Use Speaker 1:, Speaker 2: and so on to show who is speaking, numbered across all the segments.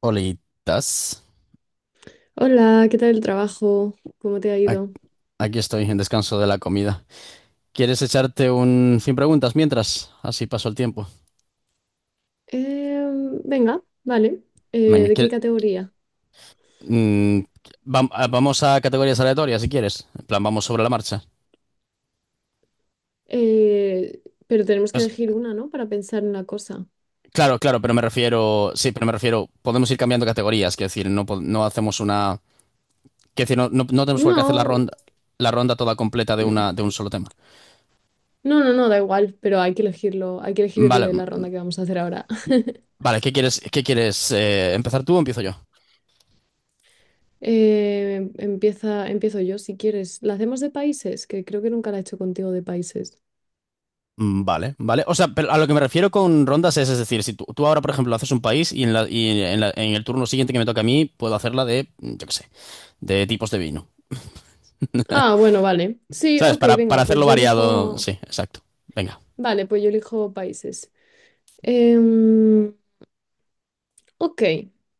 Speaker 1: Olitas.
Speaker 2: Hola, ¿qué tal el trabajo? ¿Cómo te ha
Speaker 1: Ac-
Speaker 2: ido?
Speaker 1: Aquí estoy en descanso de la comida. ¿Quieres echarte un sin preguntas mientras? Así paso el tiempo.
Speaker 2: Venga, vale.
Speaker 1: Venga,
Speaker 2: ¿De qué categoría?
Speaker 1: mm, vamos a categorías aleatorias si quieres. En plan, vamos sobre la marcha.
Speaker 2: Pero tenemos que
Speaker 1: Es-
Speaker 2: elegir una, ¿no? Para pensar en la cosa.
Speaker 1: claro, claro, pero me refiero. Sí, pero me refiero. Podemos ir cambiando categorías. Quiero decir, no, no hacemos una. Quiero decir, no, no tenemos por qué hacer
Speaker 2: No,
Speaker 1: la ronda toda completa de una, de
Speaker 2: mm,
Speaker 1: un solo tema.
Speaker 2: no, no, no, da igual, pero hay que elegirlo, hay que elegir el
Speaker 1: Vale,
Speaker 2: de la ronda que vamos a hacer ahora.
Speaker 1: vale, ¿qué quieres, qué quieres? ¿Empezar tú o empiezo yo?
Speaker 2: Empiezo yo si quieres. ¿La hacemos de países? Que creo que nunca la he hecho contigo de países.
Speaker 1: Mm, vale, vale. O sea, pero a lo que me refiero con rondas es decir, si tú ahora, por ejemplo, haces un país y, en el turno siguiente que me toca a mí, puedo hacerla de, yo qué sé, de tipos de vino.
Speaker 2: Ah, bueno, vale. Sí,
Speaker 1: ¿Sabes?
Speaker 2: ok,
Speaker 1: Para
Speaker 2: venga, pues
Speaker 1: hacerlo
Speaker 2: yo
Speaker 1: variado.
Speaker 2: elijo.
Speaker 1: Sí, exacto. Venga,
Speaker 2: Vale, pues yo elijo países. Em, Ok.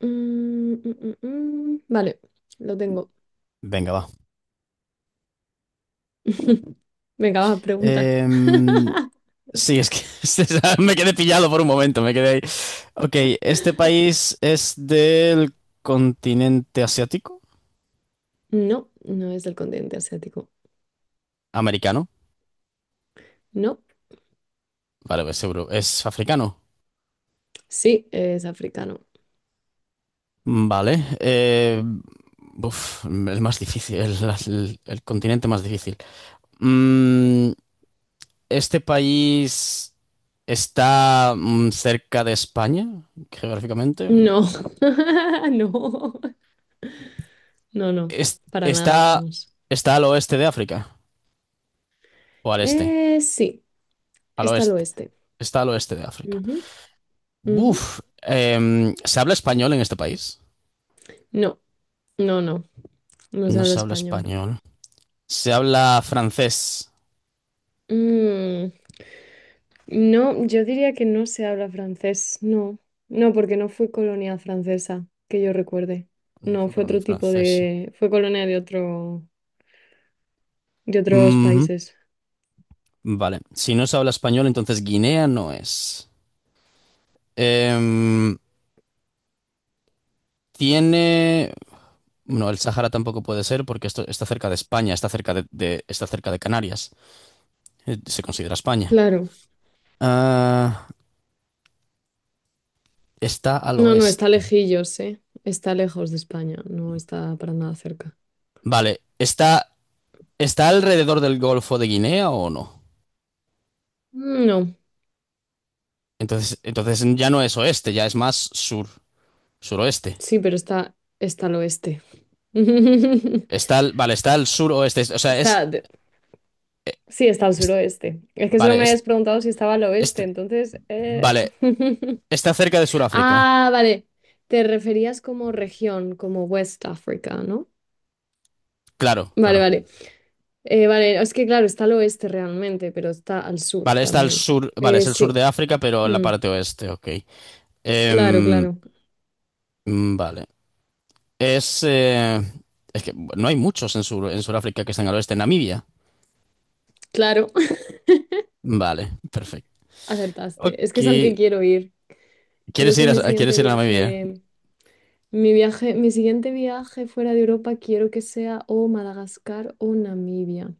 Speaker 2: Mm, mm, mm. Vale, lo tengo.
Speaker 1: venga, va.
Speaker 2: Venga, vas, pregunta.
Speaker 1: Em, sí, es que me quedé pillado por un momento, me quedé ahí. Ok, ¿este país es del continente asiático?
Speaker 2: No, no es del continente asiático.
Speaker 1: ¿Americano?
Speaker 2: No,
Speaker 1: Vale, pues seguro. ¿Es africano?
Speaker 2: sí, es africano.
Speaker 1: Vale. Uf, el más difícil, el, el continente más difícil. Mm, ¿Este país está cerca de España, geográficamente o
Speaker 2: No,
Speaker 1: no?
Speaker 2: no, no, no,
Speaker 1: Es-
Speaker 2: para nada,
Speaker 1: está,
Speaker 2: vamos.
Speaker 1: ¿Está al oeste de África? ¿O al este?
Speaker 2: Sí,
Speaker 1: Al
Speaker 2: está al
Speaker 1: oeste.
Speaker 2: oeste.
Speaker 1: Está al oeste de África.
Speaker 2: Ujú, ujú.
Speaker 1: Uf, ¿se habla español en este país?
Speaker 2: No, no, no, no se
Speaker 1: No
Speaker 2: habla
Speaker 1: se habla
Speaker 2: español.
Speaker 1: español. Se habla francés.
Speaker 2: Mm, No, yo diría que no se habla francés, no. No, porque no fue colonia francesa, que yo recuerde.
Speaker 1: No
Speaker 2: No,
Speaker 1: fue
Speaker 2: fue
Speaker 1: colonia
Speaker 2: otro tipo
Speaker 1: francesa.
Speaker 2: de fue colonia de otro, de otros países.
Speaker 1: Vale, si no se habla español, entonces Guinea no es. Em, Tiene... No, el Sahara tampoco puede ser porque esto está cerca de España, está cerca de Canarias. Se considera España.
Speaker 2: Claro.
Speaker 1: Ah, está al
Speaker 2: No, no, está
Speaker 1: oeste.
Speaker 2: lejillos, ¿eh? Está lejos de España, no está para nada cerca.
Speaker 1: Vale, ¿está alrededor del Golfo de Guinea o no?
Speaker 2: No,
Speaker 1: Entonces ya no es oeste, ya es más sur, suroeste.
Speaker 2: sí, pero está al oeste.
Speaker 1: Vale, está al suroeste, o sea,
Speaker 2: Está, Sí, está al
Speaker 1: es-
Speaker 2: suroeste. Es que solo
Speaker 1: vale,
Speaker 2: me habías preguntado si estaba al oeste,
Speaker 1: este-
Speaker 2: entonces
Speaker 1: vale, está cerca de Sudáfrica.
Speaker 2: Ah, vale. Te referías como región, como West Africa, ¿no?
Speaker 1: Claro,
Speaker 2: Vale,
Speaker 1: claro.
Speaker 2: vale. Vale, es que claro, está al oeste realmente, pero está al sur
Speaker 1: Vale, está al
Speaker 2: también.
Speaker 1: sur, vale, es el sur
Speaker 2: Sí.
Speaker 1: de África, pero en la
Speaker 2: Mm,
Speaker 1: parte oeste, ok.
Speaker 2: Claro,
Speaker 1: Em,
Speaker 2: claro.
Speaker 1: vale. Es, eh, es que no hay muchos en Sudáfrica que están al oeste. Namibia.
Speaker 2: Claro,
Speaker 1: Vale, perfecto.
Speaker 2: acertaste. Es que
Speaker 1: Ok.
Speaker 2: es al que quiero ir. Creo
Speaker 1: ¿Quieres
Speaker 2: que mi siguiente
Speaker 1: ir a Namibia?
Speaker 2: viaje, mi siguiente viaje fuera de Europa quiero que sea o Madagascar o Namibia.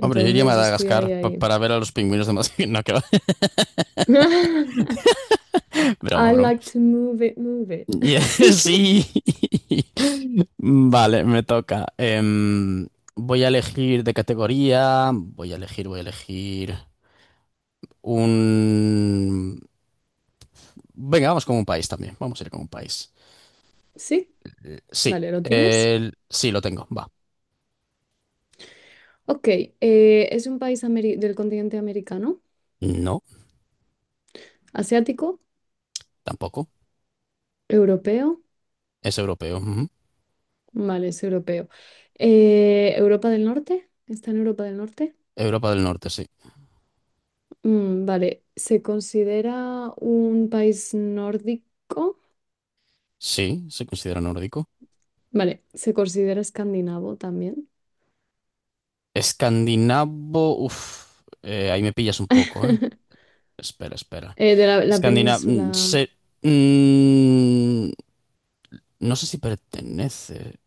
Speaker 1: Hombre, yo iría a
Speaker 2: estoy
Speaker 1: Madagascar
Speaker 2: ahí, ahí.
Speaker 1: para ver a los pingüinos de Madagascar. No, que va. Broma,
Speaker 2: I
Speaker 1: broma.
Speaker 2: like to move it, move it.
Speaker 1: Y- Sí. Vale, me toca. Voy a elegir de categoría. Voy a elegir. Un... Venga, vamos con un país también. Vamos a ir con un país.
Speaker 2: ¿Sí?
Speaker 1: Sí,
Speaker 2: Vale, ¿lo tienes?
Speaker 1: sí, lo tengo. Va.
Speaker 2: Ok, es un país ameri- del continente americano,
Speaker 1: No,
Speaker 2: asiático,
Speaker 1: tampoco.
Speaker 2: europeo.
Speaker 1: Es europeo. Ujú.
Speaker 2: Vale, es europeo. ¿Europa del Norte? ¿Está en Europa del Norte?
Speaker 1: Europa del Norte, sí.
Speaker 2: Mm, vale, ¿se considera un país nórdico?
Speaker 1: Sí, se considera nórdico.
Speaker 2: Vale, ¿se considera escandinavo también?
Speaker 1: Escandinavo. Uf, ahí me pillas un poco, ¿eh? Espera, espera.
Speaker 2: La
Speaker 1: Escandinavo.
Speaker 2: península.
Speaker 1: Se... mm, no sé si pertenece.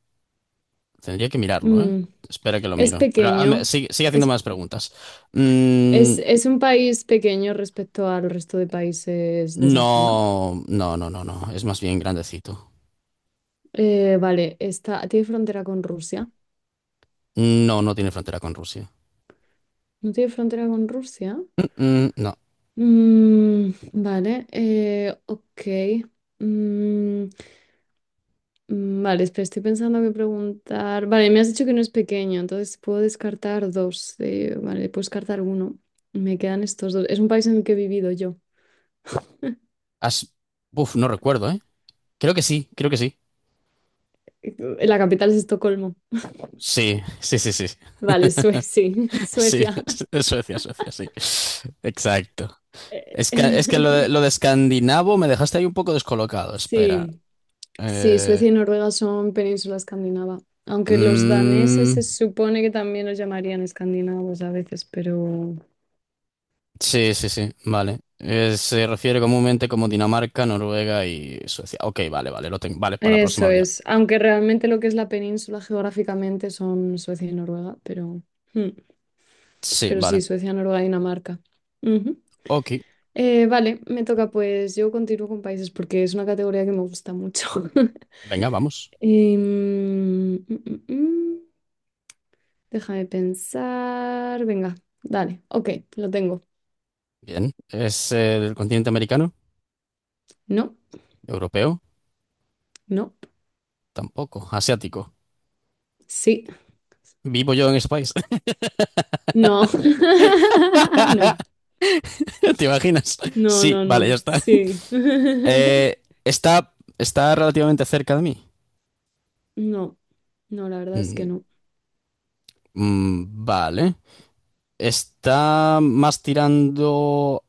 Speaker 1: Tendría que mirarlo, ¿eh?
Speaker 2: Mm,
Speaker 1: Espera que lo
Speaker 2: es
Speaker 1: miro. Pero
Speaker 2: pequeño.
Speaker 1: sigue haciendo
Speaker 2: es
Speaker 1: más preguntas. Mm,
Speaker 2: Es un país pequeño respecto al resto de países de esa zona.
Speaker 1: no, no, no, no, no. Es más bien grandecito.
Speaker 2: Vale, tiene frontera con Rusia.
Speaker 1: No, no tiene frontera con Rusia.
Speaker 2: ¿No tiene frontera con Rusia?
Speaker 1: Mm, mm, no.
Speaker 2: Mm, vale, ok. Mm, vale, espera, estoy pensando que preguntar. Vale, me has dicho que no es pequeño, entonces puedo descartar dos. Vale, puedo descartar uno. Me quedan estos dos. Es un país en el que he vivido yo.
Speaker 1: As- Uf, no recuerdo, ¿eh? Creo que sí, creo que sí.
Speaker 2: La capital es Estocolmo.
Speaker 1: Sí, sí, sí, sí.
Speaker 2: Vale, Suecia, sí,
Speaker 1: Sí,
Speaker 2: Suecia.
Speaker 1: es es Suecia, Suecia, sí. Exacto. Es que lo
Speaker 2: Eh,
Speaker 1: de, lo de escandinavo me dejaste ahí un poco descolocado. Espera.
Speaker 2: Sí, sí,
Speaker 1: Eh,
Speaker 2: Suecia y Noruega son península escandinava, aunque los daneses
Speaker 1: mm,
Speaker 2: se supone que también los llamarían escandinavos a veces, pero
Speaker 1: sí, sí, sí, vale. Se refiere comúnmente como Dinamarca, Noruega y Suecia. Ok, vale, vale, lo tengo. Vale, para la
Speaker 2: eso
Speaker 1: próxima ya.
Speaker 2: es, aunque realmente lo que es la península geográficamente son Suecia y Noruega, pero, mm,
Speaker 1: Sí,
Speaker 2: pero
Speaker 1: vale.
Speaker 2: sí, Suecia, Noruega y Dinamarca. Ujú.
Speaker 1: Ok.
Speaker 2: Vale, me toca pues, yo continúo con países porque es una categoría que me gusta mucho.
Speaker 1: Venga, vamos.
Speaker 2: Em, mm, mm, mm, mm. Déjame pensar, venga, dale, ok, lo tengo.
Speaker 1: Bien. ¿Es del continente americano?
Speaker 2: ¿No?
Speaker 1: ¿Europeo?
Speaker 2: No,
Speaker 1: Tampoco. ¿Asiático?
Speaker 2: sí,
Speaker 1: ¿Vivo yo en ese país?
Speaker 2: no, no,
Speaker 1: ¿Te imaginas?
Speaker 2: no,
Speaker 1: Sí,
Speaker 2: no,
Speaker 1: vale, ya
Speaker 2: no,
Speaker 1: está.
Speaker 2: sí,
Speaker 1: Está relativamente cerca de mí.
Speaker 2: no, no, la verdad es que
Speaker 1: Mm,
Speaker 2: no.
Speaker 1: vale. Está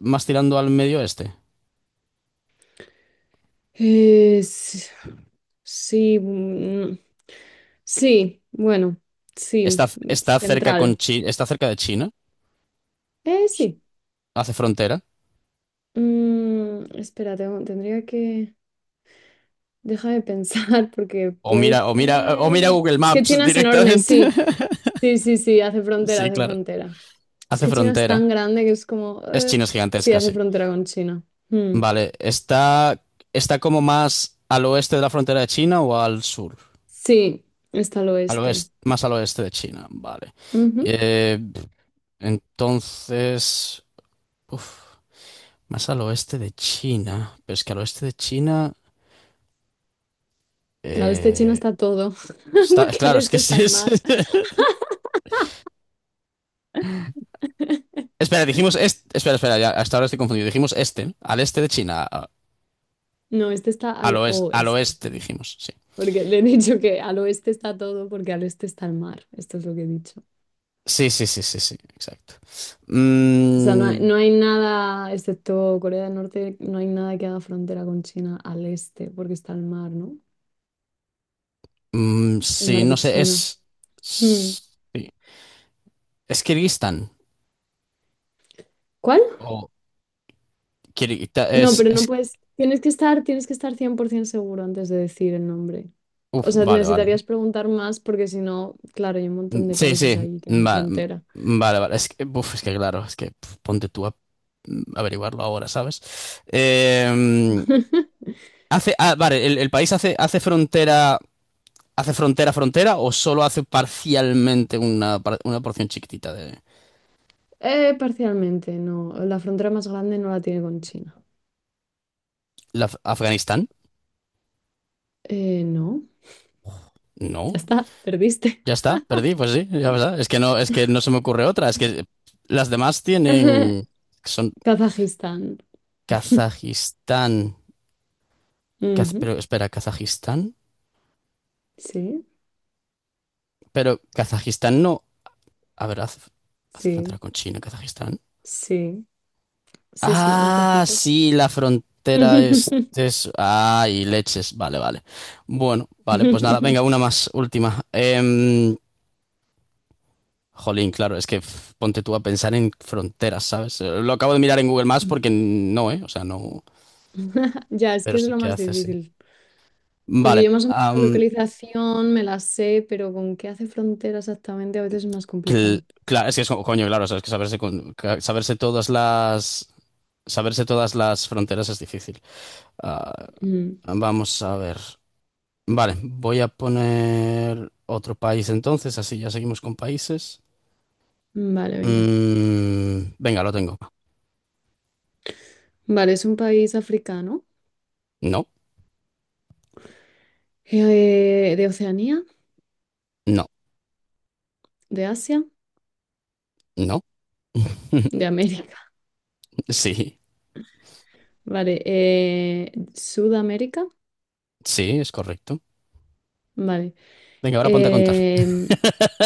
Speaker 1: más tirando al medio oeste.
Speaker 2: Es Sí, sí, bueno, sí,
Speaker 1: Está, está cerca con
Speaker 2: central.
Speaker 1: Chi- está cerca de China.
Speaker 2: Sí.
Speaker 1: Hace frontera.
Speaker 2: Mm, tendría que Déjame pensar, porque
Speaker 1: O mira,
Speaker 2: puede
Speaker 1: o mira, o mira Google
Speaker 2: Es que
Speaker 1: Maps
Speaker 2: China es enorme,
Speaker 1: directamente.
Speaker 2: sí. Sí, sí, sí,
Speaker 1: Sí,
Speaker 2: hace
Speaker 1: claro.
Speaker 2: frontera. Es
Speaker 1: Hace
Speaker 2: que China es
Speaker 1: frontera.
Speaker 2: tan grande que es como
Speaker 1: Es China es
Speaker 2: Sí,
Speaker 1: gigantesca,
Speaker 2: hace
Speaker 1: sí.
Speaker 2: frontera con China. Mm.
Speaker 1: Vale, ¿está como más al oeste de la frontera de China o al sur?
Speaker 2: Sí, está al
Speaker 1: Al
Speaker 2: oeste.
Speaker 1: oeste, más al oeste de China, vale.
Speaker 2: Ujú.
Speaker 1: Eh, entonces, uf, más al oeste de China. Pero es que al oeste de China...
Speaker 2: Al este de China
Speaker 1: eh,
Speaker 2: está todo, porque al
Speaker 1: claro, es que
Speaker 2: este
Speaker 1: es...
Speaker 2: está el mar.
Speaker 1: Espera, dijimos... Este, espera, espera, ya, hasta ahora estoy confundido. Dijimos este, ¿no? Al este de China.
Speaker 2: No, este está
Speaker 1: Al
Speaker 2: al
Speaker 1: oeste, al
Speaker 2: oeste,
Speaker 1: oeste dijimos, sí.
Speaker 2: porque le he dicho que al oeste está todo, porque al este está el mar. Esto es lo que he dicho.
Speaker 1: Sí, sí, sí, sí, sí, exacto.
Speaker 2: O sea,
Speaker 1: Mm,
Speaker 2: no hay nada, excepto Corea del Norte, no hay nada que haga frontera con China al este, porque está el mar, ¿no?
Speaker 1: mm,
Speaker 2: El
Speaker 1: sí,
Speaker 2: mar
Speaker 1: no
Speaker 2: de
Speaker 1: sé,
Speaker 2: China.
Speaker 1: es.
Speaker 2: Hmm.
Speaker 1: s- sí. ¿Es Kirguistán?
Speaker 2: ¿Cuál?
Speaker 1: O Kirguita-
Speaker 2: No,
Speaker 1: es,
Speaker 2: pero no
Speaker 1: es-
Speaker 2: puedes. Tienes que estar 100% seguro antes de decir el nombre.
Speaker 1: Uf,
Speaker 2: O sea,
Speaker 1: vale, vale.
Speaker 2: necesitarías preguntar más porque si no, claro, hay un
Speaker 1: Mm,
Speaker 2: montón de
Speaker 1: sí,
Speaker 2: países
Speaker 1: sí.
Speaker 2: ahí que hacen frontera.
Speaker 1: Vale, vale. Es que claro, es que pf, ponte tú a averiguarlo ahora, ¿sabes? Eh, vale, el país hace frontera. ¿Hace frontera frontera o solo hace parcialmente una, una porción chiquitita de
Speaker 2: Parcialmente, no. La frontera más grande no la tiene con China.
Speaker 1: Afganistán?
Speaker 2: No. Ya
Speaker 1: No.
Speaker 2: está, perdiste.
Speaker 1: Ya está, perdí, pues sí, ya está. Es que no se me ocurre otra. Es que las demás tienen. Son
Speaker 2: Kazajistán.
Speaker 1: Kazajistán.
Speaker 2: Ujú.
Speaker 1: Pero espera, Kazajistán.
Speaker 2: Sí,
Speaker 1: Pero Kazajistán no. A ver, hace frontera
Speaker 2: sí,
Speaker 1: con China, Kazajistán.
Speaker 2: sí, sí, sí, un
Speaker 1: Ah,
Speaker 2: trocito.
Speaker 1: sí, la frontera es. es ah, y leches. Vale, vale. Bueno, vale, pues nada, venga, una más, última. Jolín, claro, es que pf, ponte tú a pensar en fronteras, ¿sabes? Lo acabo de mirar en Google Maps porque no, ¿eh? O sea, no.
Speaker 2: Ya, es
Speaker 1: Pero
Speaker 2: que es
Speaker 1: sí
Speaker 2: lo
Speaker 1: que
Speaker 2: más
Speaker 1: hace, sí.
Speaker 2: difícil. Porque
Speaker 1: Vale.
Speaker 2: yo más o menos la localización me la sé, pero con qué hace frontera exactamente a veces es más complicado.
Speaker 1: Es que es como, coño, claro, sabes que saberse, saberse todas las fronteras es difícil. Ah,
Speaker 2: Mm,
Speaker 1: vamos a ver. Vale, voy a poner otro país entonces, así ya seguimos con países.
Speaker 2: Vale, venga.
Speaker 1: Mm, venga, lo tengo.
Speaker 2: Vale, es un país africano,
Speaker 1: No,
Speaker 2: de Oceanía,
Speaker 1: no,
Speaker 2: de Asia,
Speaker 1: no.
Speaker 2: de América.
Speaker 1: Sí,
Speaker 2: Vale, Sudamérica.
Speaker 1: sí, es correcto.
Speaker 2: Vale.
Speaker 1: Venga, ahora ponte a contar.
Speaker 2: em,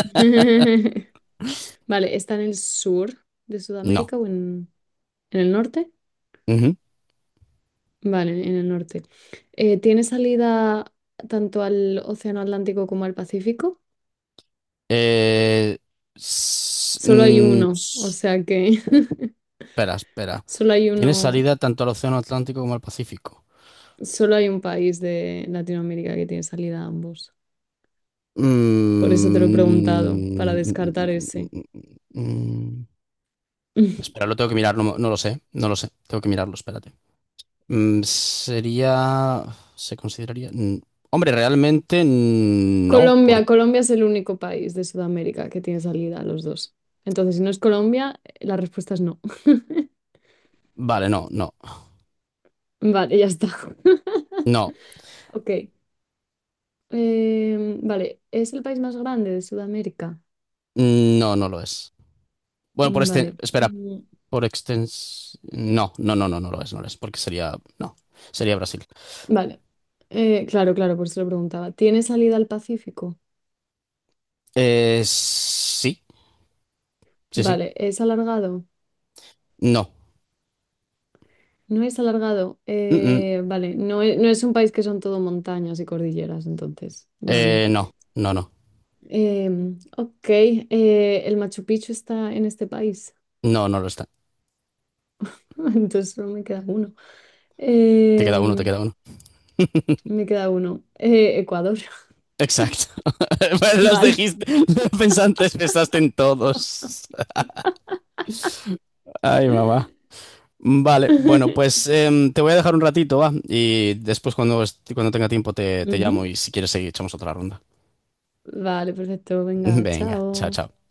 Speaker 2: Vale, ¿está en el sur de
Speaker 1: No.
Speaker 2: Sudamérica o en, ¿en el norte?
Speaker 1: Ujú.
Speaker 2: Vale, en el norte. ¿Tiene salida tanto al Océano Atlántico como al Pacífico?
Speaker 1: Eh, s-
Speaker 2: Solo hay
Speaker 1: mm,
Speaker 2: uno, o sea que
Speaker 1: Espera, espera.
Speaker 2: solo hay
Speaker 1: Tiene
Speaker 2: uno,
Speaker 1: salida tanto al Océano Atlántico como al Pacífico.
Speaker 2: solo hay un país de Latinoamérica que tiene salida a ambos. Por eso te lo he preguntado, para descartar
Speaker 1: Mm,
Speaker 2: ese.
Speaker 1: mm, Espera, lo tengo que mirar, no, no lo sé, no lo sé, tengo que mirarlo, espérate. Sería, ¿se consideraría? Mm, hombre, realmente no,
Speaker 2: Colombia,
Speaker 1: porque...
Speaker 2: Colombia es el único país de Sudamérica que tiene salida a los dos. Entonces, si no es Colombia, la respuesta es no.
Speaker 1: Vale, no, no,
Speaker 2: Vale, ya está.
Speaker 1: no,
Speaker 2: Ok. Vale, ¿es el país más grande de Sudamérica?
Speaker 1: no, no lo es. Bueno, por
Speaker 2: Mm,
Speaker 1: este,
Speaker 2: Vale.
Speaker 1: espera,
Speaker 2: Mm,
Speaker 1: por extens... No, no, no, no, no lo es, no lo es, porque sería, no, sería Brasil.
Speaker 2: Vale. Claro, claro, por eso lo preguntaba. ¿Tiene salida al Pacífico?
Speaker 1: Sí, sí, sí,
Speaker 2: Vale, ¿es alargado?
Speaker 1: no.
Speaker 2: No es alargado.
Speaker 1: Mm, mm.
Speaker 2: Vale, no es un país que son todo montañas y cordilleras, entonces. Vale.
Speaker 1: No, no, no.
Speaker 2: Ok, el Machu Picchu está en este país,
Speaker 1: No, no lo está.
Speaker 2: entonces solo me queda uno.
Speaker 1: Te queda uno, te
Speaker 2: Em,
Speaker 1: queda uno.
Speaker 2: Me queda uno. Ecuador,
Speaker 1: Exacto. Los
Speaker 2: vale.
Speaker 1: dijiste. Pensaste en todos. Ay, mamá. Vale, bueno, pues te voy a dejar un ratito, va. Y después, cuando tenga tiempo, te llamo
Speaker 2: Ujú.
Speaker 1: y si quieres seguir, echamos otra ronda.
Speaker 2: Vale, perfecto. Venga,
Speaker 1: Venga, chao,
Speaker 2: chao.
Speaker 1: chao.